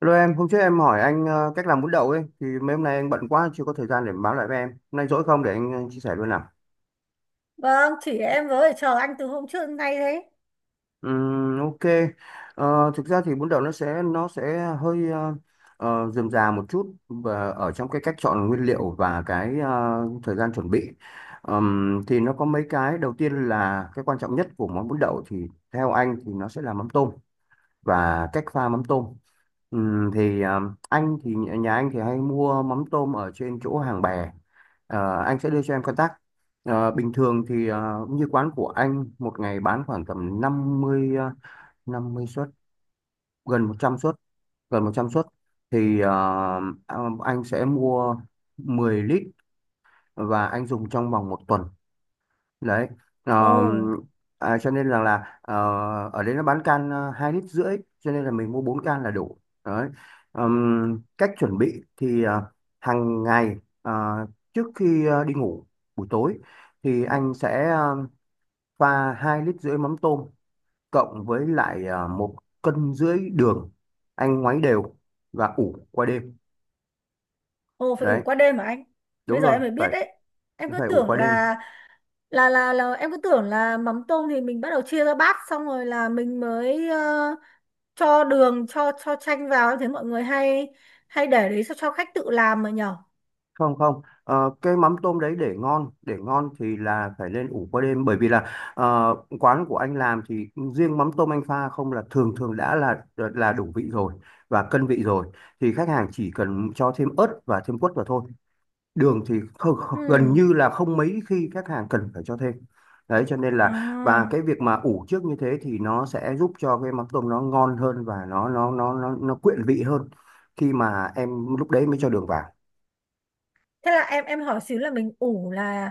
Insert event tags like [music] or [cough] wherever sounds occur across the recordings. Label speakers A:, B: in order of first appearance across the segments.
A: Hello em, hôm trước em hỏi anh cách làm bún đậu ấy, thì mấy hôm nay anh bận quá chưa có thời gian để báo lại với em. Hôm nay rỗi không để anh chia sẻ luôn nào.
B: Vâng, chỉ em với chờ anh từ hôm trước đến nay đấy.
A: Ok. Thực ra thì bún đậu nó sẽ hơi rườm rà một chút, và ở trong cái cách chọn nguyên liệu và cái thời gian chuẩn bị. Thì nó có mấy cái đầu tiên là cái quan trọng nhất của món bún đậu thì theo anh thì nó sẽ là mắm tôm. Và cách pha mắm tôm. Thì à, anh thì nhà Nhà anh thì hay mua mắm tôm ở trên chỗ Hàng Bè. Anh sẽ đưa cho em contact. Bình thường thì như quán của anh một ngày bán khoảng tầm 50 50 suất, gần 100 suất, gần 100 suất thì à, anh sẽ mua 10 lít và anh dùng trong vòng một tuần. Đấy. Ờ,
B: Ồ,
A: cho nên rằng là ở đây nó bán can 2,5 lít, cho nên là mình mua 4 can là đủ. Đấy. Cách chuẩn bị thì hàng ngày, trước khi đi ngủ buổi tối, thì anh sẽ pha 2,5 lít mắm tôm, cộng với lại 1,5 cân đường, anh ngoáy đều và ủ qua đêm.
B: ồ phải
A: Đấy.
B: ủ qua đêm mà anh. Bây
A: Đúng
B: giờ
A: rồi,
B: em mới
A: phải
B: biết đấy. Em cứ
A: phải ủ
B: tưởng
A: qua đêm.
B: là em cứ tưởng là mắm tôm thì mình bắt đầu chia ra bát xong rồi là mình mới cho đường cho chanh vào, em thấy mọi người hay hay để đấy cho khách tự làm mà nhở.
A: Không, không. Ờ, cái mắm tôm đấy, để ngon, để ngon thì là phải lên ủ qua đêm, bởi vì là, ờ, quán của anh làm thì riêng mắm tôm anh pha không là thường thường đã là đủ vị rồi, và cân vị rồi. Thì khách hàng chỉ cần cho thêm ớt và thêm quất vào thôi. Đường thì không, không- gần
B: Ừ.
A: như là không mấy khi khách hàng cần phải cho thêm. Đấy cho nên là, và
B: À.
A: cái việc mà ủ trước như thế thì nó sẽ giúp cho cái mắm tôm nó ngon hơn, và nó quyện vị hơn khi mà em, lúc đấy mới cho đường vào.
B: Thế là em hỏi xíu là mình ủ là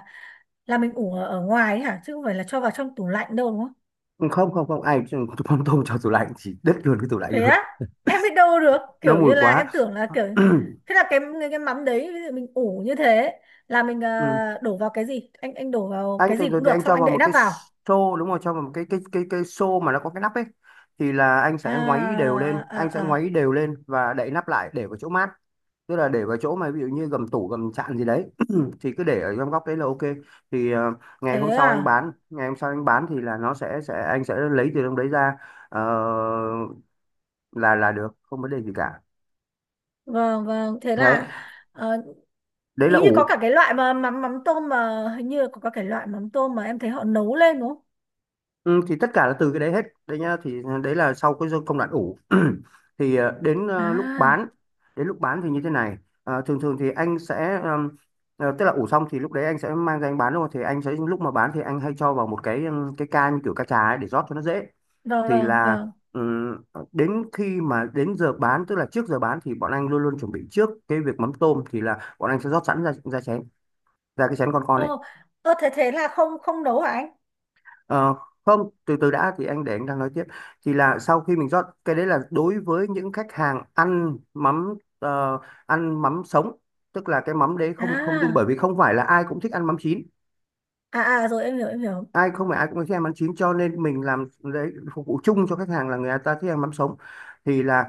B: mình ủ ở, ở ngoài ấy hả, chứ không phải là cho vào trong tủ lạnh đâu đúng không?
A: Không, không, không ai cũng không tôm cho tủ lạnh, chỉ đứt luôn cái tủ lạnh
B: Thế
A: luôn.
B: á, em biết đâu được,
A: Nó
B: kiểu
A: mùi
B: như là
A: quá.
B: em tưởng là kiểu
A: [clears throat]
B: thế. Là cái cái mắm đấy ví dụ mình ủ như thế là mình
A: Ừ.
B: đổ vào cái gì, anh đổ vào
A: Anh
B: cái
A: thường
B: gì
A: thường
B: cũng
A: thì
B: được
A: anh
B: xong
A: cho
B: anh
A: vào
B: đậy
A: một
B: nắp
A: cái
B: vào.
A: xô, đúng không, cho vào một cái xô mà nó có cái nắp ấy. Thì là anh
B: À,
A: sẽ ngoáy đều lên
B: à,
A: anh sẽ
B: à.
A: ngoáy
B: À.
A: đều lên và đậy nắp lại để vào chỗ mát. Tức là để vào chỗ mà ví dụ như gầm tủ gầm chạn gì đấy. [clears throat] Thì cứ để ở trong góc đấy là ok. Thì
B: Thế à.
A: ngày hôm sau anh bán thì là nó sẽ anh sẽ lấy từ trong đấy ra. ờ, là được, không vấn đề gì cả.
B: Vâng vâng, thế
A: Đấy.
B: là ờ,
A: Đấy là
B: ý như có
A: ủ.
B: cả cái loại mà mắm mắm tôm mà, hình như có cả cái loại mắm tôm mà em thấy họ nấu lên đúng không?
A: Ừ, thì tất cả là từ cái đấy hết đấy nhá, thì đấy là sau cái công đoạn ủ. [clears throat] Thì đến lúc
B: À
A: bán. Đến lúc bán thì như thế này. Thường thường thì anh sẽ tức là ủ xong thì lúc đấy anh sẽ mang ra anh bán luôn, thì anh sẽ lúc mà bán thì anh hay cho vào một cái, cái ca như kiểu ca trà ấy, để rót cho nó dễ.
B: vâng
A: Thì
B: vâng
A: là,
B: vâng.
A: ừm, đến khi mà đến giờ bán, tức là trước giờ bán thì bọn anh luôn luôn chuẩn bị trước cái việc mắm tôm, thì là bọn anh sẽ rót sẵn ra ra chén, ra cái chén con ấy.
B: Ơ, ơ thế thế là không, không nấu hả anh?
A: Ờ, Không, từ từ đã, thì anh để anh đang nói tiếp. Thì là sau khi mình rót cái đấy là đối với những khách hàng ăn mắm, ăn mắm sống. Tức là cái mắm đấy không không đun, bởi
B: À
A: vì không phải là ai cũng thích ăn mắm chín.
B: à à, rồi em hiểu em hiểu.
A: Không phải ai cũng thích ăn mắm chín, cho nên mình làm đấy phục vụ chung cho khách hàng là người ta thích ăn mắm sống. Thì là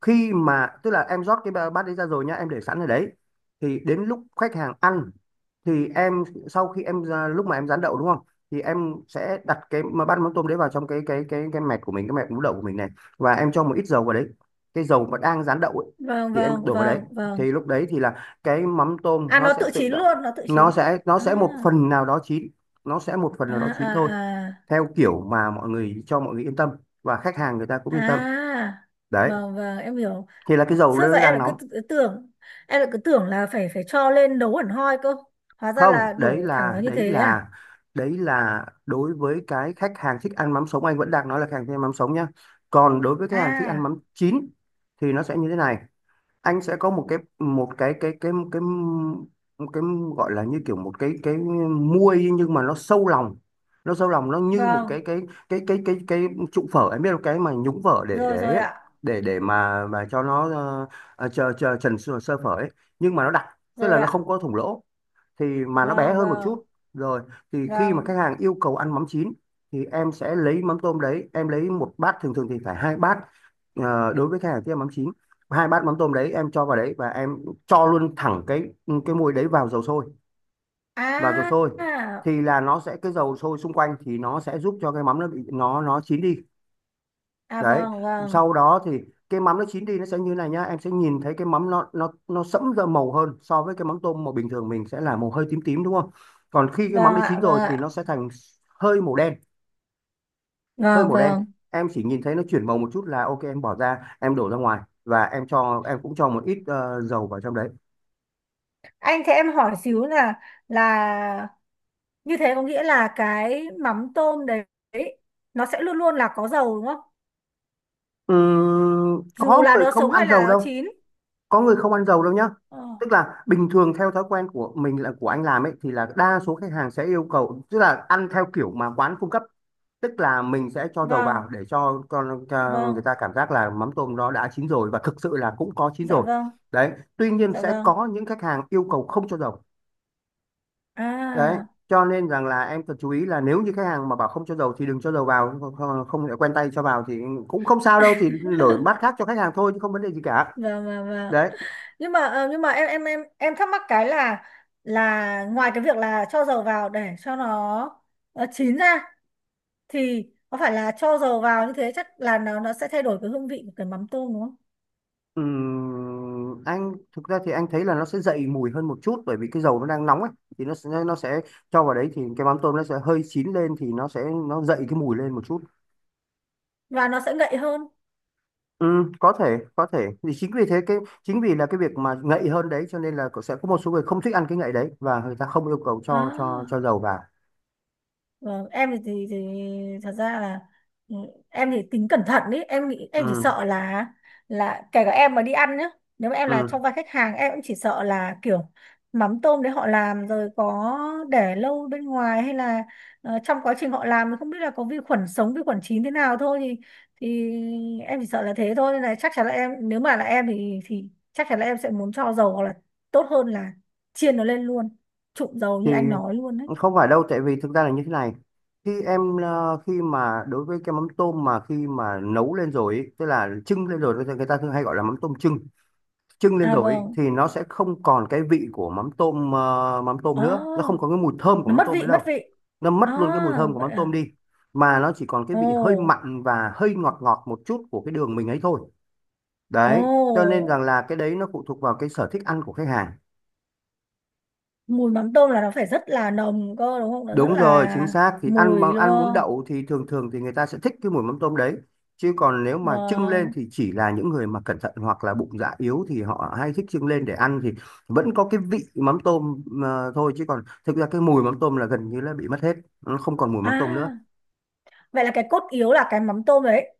A: khi mà tức là em rót cái bát đấy ra rồi nhá, em để sẵn ở đấy. Thì đến lúc khách hàng ăn, thì em sau khi em lúc mà em rán đậu, đúng không, thì em sẽ đặt cái mà bát mắm tôm đấy vào trong cái mẹt của mình, cái mẹt mú đậu của mình này, và em cho một ít dầu vào đấy. Cái dầu mà đang rán đậu ấy,
B: Vâng
A: thì em
B: vâng
A: đổ vào đấy.
B: vâng
A: Thì
B: vâng.
A: lúc đấy thì là cái mắm tôm
B: À
A: nó
B: nó
A: sẽ
B: tự
A: tự
B: chín
A: động,
B: luôn, nó tự
A: nó
B: chín.
A: sẽ nó
B: À
A: sẽ một phần nào đó chín. Nó sẽ một phần
B: à
A: nào đó chín
B: à
A: thôi,
B: à.
A: theo kiểu mà mọi người, cho mọi người yên tâm, và khách hàng người ta cũng yên tâm.
B: À
A: Đấy.
B: vâng vâng, em hiểu.
A: Thì là cái dầu
B: Trước giờ
A: nó
B: em
A: đang
B: lại cứ
A: nóng.
B: tưởng, em lại cứ tưởng là phải phải cho lên nấu hẳn hoi cơ. Hóa ra
A: Không,
B: là đổ thẳng vào như thế à.
A: đấy là đối với cái khách hàng thích ăn mắm sống, anh vẫn đang nói là khách hàng thích ăn mắm sống nhá. Còn đối với khách hàng thích ăn
B: À
A: mắm chín thì nó sẽ như thế này. Anh sẽ có một cái một cái gọi là như kiểu một cái muôi nhưng mà nó sâu lòng. Nó như một
B: vâng.
A: cái cái cái cái cái cái trụ phở, em biết là cái mà nhúng phở để
B: Rồi
A: để
B: rồi
A: ấy,
B: ạ.
A: để mà cho nó chờ chờ trần sơ sơ phở ấy, nhưng mà nó đặc, tức
B: Rồi
A: là nó
B: ạ.
A: không có thủng lỗ, thì mà nó bé
B: Vâng
A: hơn một
B: vâng
A: chút. Rồi. Thì khi mà khách
B: vâng.
A: hàng yêu cầu ăn mắm chín thì em sẽ lấy mắm tôm đấy, em lấy một bát, thường thường thì phải hai bát, đối với khách hàng kia mắm chín, hai bát mắm tôm đấy em cho vào đấy và em cho luôn thẳng cái muối đấy vào dầu sôi, vào dầu
B: À
A: sôi.
B: à
A: Thì là nó sẽ, cái dầu sôi xung quanh thì nó sẽ giúp cho cái mắm nó bị nó chín đi.
B: à,
A: Đấy.
B: vâng vâng.
A: Sau đó thì cái mắm nó chín đi, nó sẽ như này nhá, em sẽ nhìn thấy cái mắm nó sẫm ra màu hơn so với cái mắm tôm mà bình thường mình sẽ là màu hơi tím tím, đúng không. Còn khi cái mắm
B: Vâng
A: đã chín
B: ạ. Vâng
A: rồi thì nó
B: ạ.
A: sẽ thành hơi màu đen, hơi
B: Vâng
A: màu đen.
B: vâng.
A: Em chỉ nhìn thấy nó chuyển màu một chút là ok, em bỏ ra, em đổ ra ngoài, và em cho em cũng cho một ít dầu vào trong đấy.
B: Anh, thế em hỏi xíu là như thế có nghĩa là cái mắm tôm đấy nó sẽ luôn luôn là có dầu đúng không? Dù
A: Có
B: là
A: người
B: nó
A: không
B: sống
A: ăn
B: hay
A: dầu
B: là nó
A: đâu.
B: chín.
A: Có người không ăn dầu đâu nhá.
B: Ờ,
A: Tức là bình thường theo thói quen của mình, là của anh làm ấy, thì là đa số khách hàng sẽ yêu cầu, tức là ăn theo kiểu mà quán cung cấp. Tức là mình sẽ cho dầu
B: vâng,
A: vào để cho người
B: vâng,
A: ta cảm giác là mắm tôm nó đã chín rồi, và thực sự là cũng có chín
B: dạ
A: rồi.
B: vâng,
A: Đấy. Tuy nhiên
B: dạ
A: sẽ
B: vâng.
A: có những khách hàng yêu cầu không cho dầu. Đấy.
B: À,
A: Cho nên rằng là em cần chú ý là, nếu như khách hàng mà bảo không cho dầu thì đừng cho dầu vào, không, không lại quen tay cho vào thì cũng không sao đâu, thì đổi bát khác cho khách hàng thôi chứ không vấn đề gì cả.
B: vâng vâng vâng.
A: Đấy.
B: Nhưng mà nhưng mà em thắc mắc cái là ngoài cái việc là cho dầu vào để cho nó chín ra, thì có phải là cho dầu vào như thế chắc là nó sẽ thay đổi cái hương vị của cái mắm tôm đúng không?
A: Anh thực ra thì anh thấy là nó sẽ dậy mùi hơn một chút, bởi vì cái dầu nó đang nóng ấy, thì nó sẽ cho vào đấy thì cái mắm tôm nó sẽ hơi chín lên, thì nó sẽ, nó dậy cái mùi lên một chút.
B: Và nó sẽ ngậy hơn.
A: Có thể, có thể thì chính vì thế chính vì là cái việc mà ngậy hơn đấy cho nên là, sẽ có một số người không thích ăn cái ngậy đấy, và người ta không yêu cầu cho
B: À.
A: dầu vào.
B: Vâng, em thì, thì thật ra là, ừ, em thì tính cẩn thận ý, em nghĩ em chỉ
A: Ừm,
B: sợ là kể cả em mà đi ăn nhá, nếu mà em là trong
A: ừm.
B: vai khách hàng em cũng chỉ sợ là kiểu mắm tôm đấy họ làm rồi có để lâu bên ngoài, hay là trong quá trình họ làm thì không biết là có vi khuẩn sống vi khuẩn chín thế nào thôi, thì em chỉ sợ là thế thôi, nên là chắc chắn là em, nếu mà là em thì chắc chắn là em sẽ muốn cho dầu, hoặc là tốt hơn là chiên nó lên luôn, trụng dầu
A: Thì
B: như anh nói luôn đấy.
A: không phải đâu, tại vì thực ra là như thế này. Khi mà đối với cái mắm tôm mà khi mà nấu lên rồi ý, tức là trưng lên rồi người ta thường hay gọi là mắm tôm trưng, trưng lên
B: À
A: rồi ý,
B: vâng.
A: thì nó sẽ không còn cái vị của mắm tôm mắm tôm
B: Ồ,
A: nữa, nó không có cái mùi thơm của
B: nó
A: mắm
B: mất
A: tôm nữa
B: vị, mất
A: đâu.
B: vị.
A: Nó mất
B: À,
A: luôn cái mùi thơm của
B: vậy
A: mắm
B: à.
A: tôm đi, mà nó chỉ còn cái vị hơi
B: Ồ,
A: mặn và hơi ngọt ngọt một chút của cái đường mình ấy thôi.
B: ồ,
A: Đấy, cho nên rằng là cái đấy nó phụ thuộc vào cái sở thích ăn của khách hàng.
B: mùi mắm tôm là nó phải rất là nồng cơ đúng không? Nó rất
A: Đúng rồi, chính
B: là
A: xác thì ăn
B: mùi
A: bằng
B: luôn
A: ăn bún
B: cơ.
A: đậu thì thường thường thì người ta sẽ thích cái mùi mắm tôm đấy. Chứ còn nếu mà trưng lên
B: Vâng.
A: thì chỉ là những người mà cẩn thận hoặc là bụng dạ yếu thì họ hay thích trưng lên để ăn thì vẫn có cái vị mắm tôm thôi, chứ còn thực ra cái mùi mắm tôm là gần như là bị mất hết, nó không còn mùi mắm tôm nữa.
B: À, vậy là cái cốt yếu là cái mắm tôm đấy.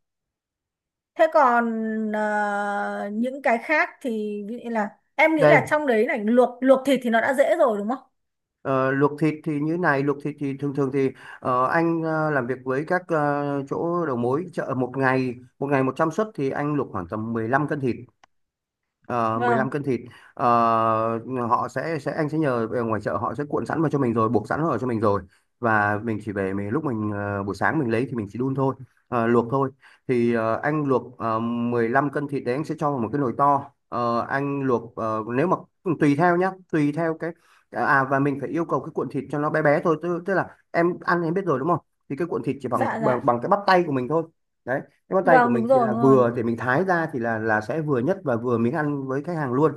B: Thế còn những cái khác thì ví dụ như là em nghĩ là
A: Đây,
B: trong đấy này, luộc luộc thịt thì nó đã dễ rồi đúng không?
A: ờ, luộc thịt thì như này, luộc thịt thì thường thường thì anh làm việc với các chỗ đầu mối chợ một ngày, một ngày 100 suất thì anh luộc khoảng tầm 15 cân thịt. ờ,
B: Vâng,
A: 15 cân thịt. Ờ, họ sẽ anh sẽ nhờ ở ngoài chợ, họ sẽ cuộn sẵn vào cho mình rồi, buộc sẵn vào cho mình rồi, và mình chỉ về mình lúc mình buổi sáng mình lấy thì mình chỉ đun thôi, luộc thôi. Thì anh luộc 15 cân thịt đấy, anh sẽ cho vào một cái nồi to. Ờ, anh luộc nếu mà tùy theo nhá, tùy theo cái và mình phải yêu cầu cái cuộn thịt cho nó bé bé thôi, tức là em ăn em biết rồi đúng không? Thì cái cuộn thịt chỉ bằng
B: dạ
A: bằng,
B: dạ.
A: bằng cái bắp tay của mình thôi. Đấy, cái bắp tay của
B: Vâng,
A: mình
B: đúng
A: thì
B: rồi,
A: là
B: đúng rồi.
A: vừa để mình thái ra thì là sẽ vừa nhất và vừa miếng ăn với khách hàng luôn.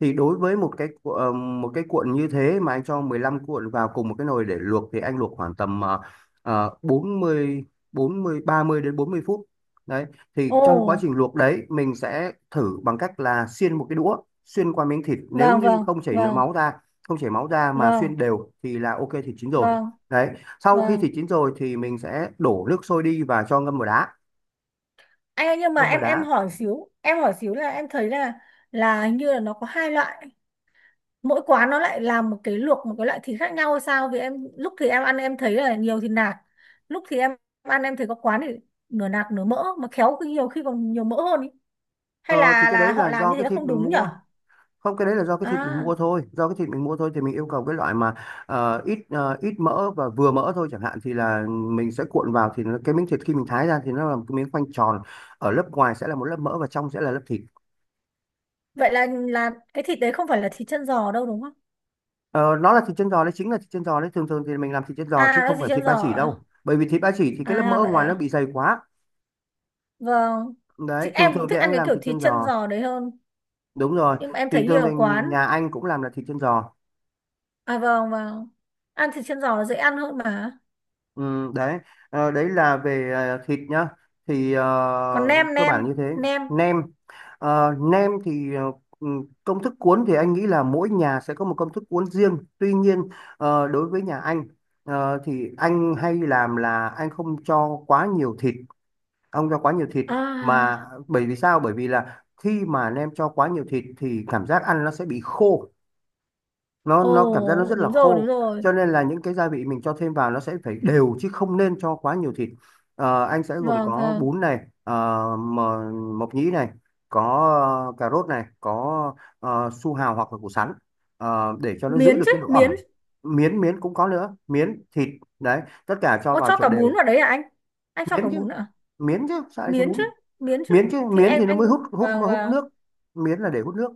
A: Thì đối với một cái cuộn như thế mà anh cho 15 cuộn vào cùng một cái nồi để luộc thì anh luộc khoảng tầm 40 40 30 đến 40 phút Đấy, thì
B: Ồ,
A: trong quá trình luộc đấy mình sẽ thử bằng cách là xiên một cái đũa xuyên qua miếng thịt, nếu
B: vâng,
A: như
B: vâng,
A: không chảy nước
B: vâng,
A: máu ra, không chảy máu ra mà xuyên
B: vâng,
A: đều thì là ok, thịt chín rồi.
B: vâng,
A: Đấy, sau khi
B: vâng.
A: thịt chín rồi thì mình sẽ đổ nước sôi đi và cho ngâm vào đá.
B: Anh ơi, nhưng mà
A: Ngâm vào
B: em
A: đá.
B: hỏi xíu, là em thấy là hình như là nó có hai loại, mỗi quán nó lại làm một cái, luộc một cái loại thịt khác nhau hay sao, vì em lúc thì em ăn em thấy là nhiều thịt nạc, lúc thì em ăn em thấy có quán thì nửa nạc nửa mỡ, mà khéo khi nhiều khi còn nhiều mỡ hơn ý. Hay
A: Ờ, thì
B: là
A: cái đấy
B: họ
A: là
B: làm
A: do
B: như thế
A: cái
B: là
A: thịt
B: không
A: mình
B: đúng nhở?
A: mua, không, cái đấy là do cái thịt mình
B: À
A: mua thôi, do cái thịt mình mua thôi, thì mình yêu cầu cái loại mà ít ít mỡ và vừa mỡ thôi chẳng hạn, thì là mình sẽ cuộn vào thì nó, cái miếng thịt khi mình thái ra thì nó là một cái miếng khoanh tròn, ở lớp ngoài sẽ là một lớp mỡ và trong sẽ là lớp thịt.
B: vậy là cái thịt đấy không phải là thịt chân giò đâu đúng không?
A: Ờ, nó là thịt chân giò đấy, chính là thịt chân giò đấy, thường thường thì mình làm thịt chân
B: À
A: giò chứ
B: nó là
A: không
B: thịt
A: phải thịt
B: chân
A: ba
B: giò
A: chỉ
B: à.
A: đâu, bởi vì thịt ba chỉ thì cái lớp mỡ
B: À,
A: ở
B: vậy
A: ngoài nó
B: à.
A: bị dày quá.
B: Vâng. Chị
A: Đấy, thường
B: em cũng
A: thường thì
B: thích ăn
A: anh
B: cái
A: làm
B: kiểu
A: thịt
B: thịt
A: chân
B: chân
A: giò.
B: giò đấy hơn,
A: Đúng rồi,
B: nhưng mà em
A: thì
B: thấy
A: thường
B: nhiều quán.
A: thường nhà anh cũng làm là thịt chân giò.
B: À vâng vâng. Ăn thịt chân giò là dễ ăn hơn mà.
A: Ừ, đấy. Đấy là về thịt nhá, thì
B: Còn nem,
A: cơ bản như thế.
B: nem.
A: Nem. Nem thì ừ, công thức cuốn thì anh nghĩ là mỗi nhà sẽ có một công thức cuốn riêng, tuy nhiên đối với nhà anh, thì anh hay làm là anh không cho quá nhiều thịt, không cho quá nhiều thịt. Mà
B: À.
A: bởi vì sao? Bởi vì là khi mà nem cho quá nhiều thịt thì cảm giác ăn nó sẽ bị khô, nó
B: Ồ
A: nó cảm giác nó rất là
B: đúng rồi đúng
A: khô.
B: rồi.
A: Cho nên là những cái gia vị mình cho thêm vào nó sẽ phải đều, chứ không nên cho quá nhiều thịt. Ờ, anh sẽ gồm
B: Vâng
A: có
B: vâng.
A: bún này, ờ, mờ- mộc nhĩ này, có cà rốt này, có su hào hoặc là củ sắn, để cho nó giữ
B: Miến
A: được
B: chứ,
A: cái độ
B: miến.
A: ẩm. Miến miến cũng có nữa, miến thịt. Đấy, tất cả cho
B: Ô
A: vào
B: cho cả
A: trộn đều.
B: bún vào đấy à anh? Anh cho cả
A: Miến chứ,
B: bún à?
A: miến chứ, sao lại cho
B: Miến chứ,
A: bún?
B: miến chứ.
A: Miến chứ
B: Thì
A: miến
B: em
A: thì nó
B: anh,
A: mới hút hút
B: vâng
A: hút
B: vâng
A: nước. Miến là để hút nước.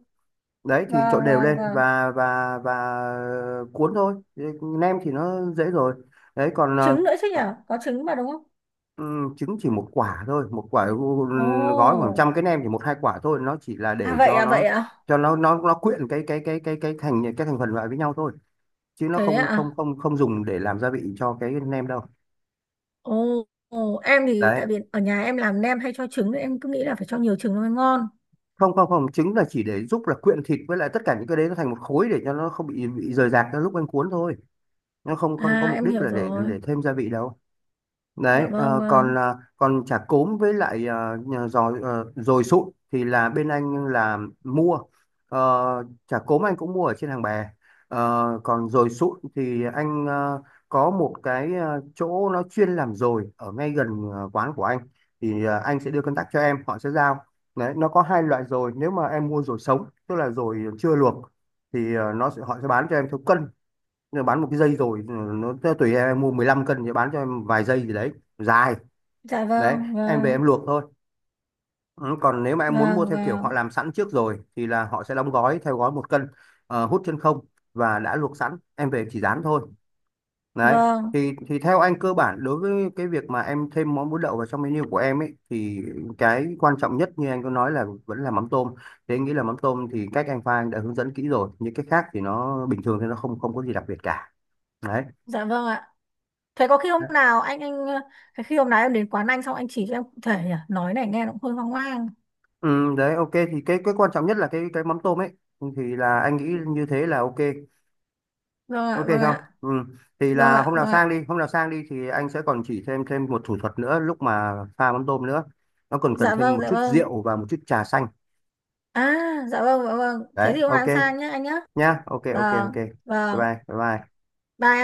A: Đấy, thì trộn
B: vâng
A: đều
B: vâng
A: lên
B: vâng.
A: và cuốn thôi. Thế, nem thì nó dễ rồi. Đấy, còn
B: Trứng nữa chứ nhỉ?
A: ờ,
B: Có trứng mà đúng không?
A: trứng chỉ một quả thôi, một quả.
B: Ồ.
A: Gói khoảng trăm cái nem thì một hai quả thôi, nó chỉ là
B: À
A: để
B: vậy
A: cho
B: à vậy
A: nó,
B: à?
A: cho nó nó quyện cái thành cái thành phần lại với nhau thôi, chứ nó
B: Thế
A: không không
B: à?
A: không không dùng để làm gia vị cho cái nem đâu.
B: Ồ. Ồ, em thì
A: Đấy,
B: tại vì ở nhà em làm nem hay cho trứng nên em cứ nghĩ là phải cho nhiều trứng nó mới ngon.
A: không không không trứng là chỉ để giúp là quyện thịt với lại tất cả những cái đấy nó thành một khối, để cho nó không bị rời rạc ra lúc anh cuốn thôi. Nó không không có
B: À
A: mục
B: em
A: đích
B: hiểu
A: là để
B: rồi.
A: để thêm gia vị đâu.
B: Dạ
A: Đấy,
B: vâng vâng.
A: còn còn chả cốm với lại giò, dồi sụn thì là bên anh là mua chả cốm anh cũng mua ở trên hàng bè. Ờ, còn dồi sụn thì anh có một cái chỗ nó chuyên làm dồi ở ngay gần quán của anh, thì anh sẽ đưa contact cho em, họ sẽ giao. Đấy, nó có hai loại dồi, nếu mà em mua dồi sống tức là dồi chưa luộc thì nó sẽ họ sẽ bán cho em theo cân. Nó bán một cái dây rồi nó tùy em mua 15 cân thì bán cho em vài dây gì đấy, dài.
B: Dạ
A: Đấy,
B: vâng,
A: em về
B: vâng,
A: em luộc thôi. Ừ, còn nếu mà em muốn mua
B: vâng,
A: theo kiểu họ
B: vâng,
A: làm sẵn trước rồi thì là họ sẽ đóng gói theo gói một cân, hút chân không, và đã luộc sẵn em về chỉ rán thôi. Đấy,
B: vâng,
A: thì theo anh cơ bản đối với cái việc mà em thêm món bún đậu vào trong menu của em ấy thì cái quan trọng nhất như anh có nói là vẫn là mắm tôm. Thế anh nghĩ là mắm tôm thì cách anh pha anh đã hướng dẫn kỹ rồi, những cái khác thì nó bình thường thì nó không không có gì đặc biệt cả. Đấy.
B: dạ vâng ạ. Thế có khi hôm nào anh thế khi hôm nào em đến quán anh xong anh chỉ cho em cụ thể nhỉ? Nói này nghe nó cũng hơi hoang hoang.
A: Ừ, Đấy ok, thì cái quan trọng nhất là cái mắm tôm ấy. Ừ, thì là anh nghĩ như thế là ok.
B: Vâng ạ,
A: Ok
B: vâng
A: không?
B: ạ,
A: Ừ. Thì
B: vâng
A: là
B: ạ,
A: hôm nào
B: vâng
A: sang
B: ạ.
A: đi, hôm nào sang đi thì anh sẽ còn chỉ thêm thêm một thủ thuật nữa lúc mà pha mắm tôm nữa. Nó còn cần
B: Dạ
A: thêm
B: vâng,
A: một
B: dạ
A: chút
B: vâng.
A: rượu và một chút trà xanh.
B: À, dạ vâng, dạ vâng. Thế
A: Đấy,
B: thì hôm
A: ok
B: nào em sang nhé anh nhé.
A: nhá. Ok, ok, ok,
B: Vâng,
A: bye.
B: vâng.
A: Bye bye. Bye.
B: Bye.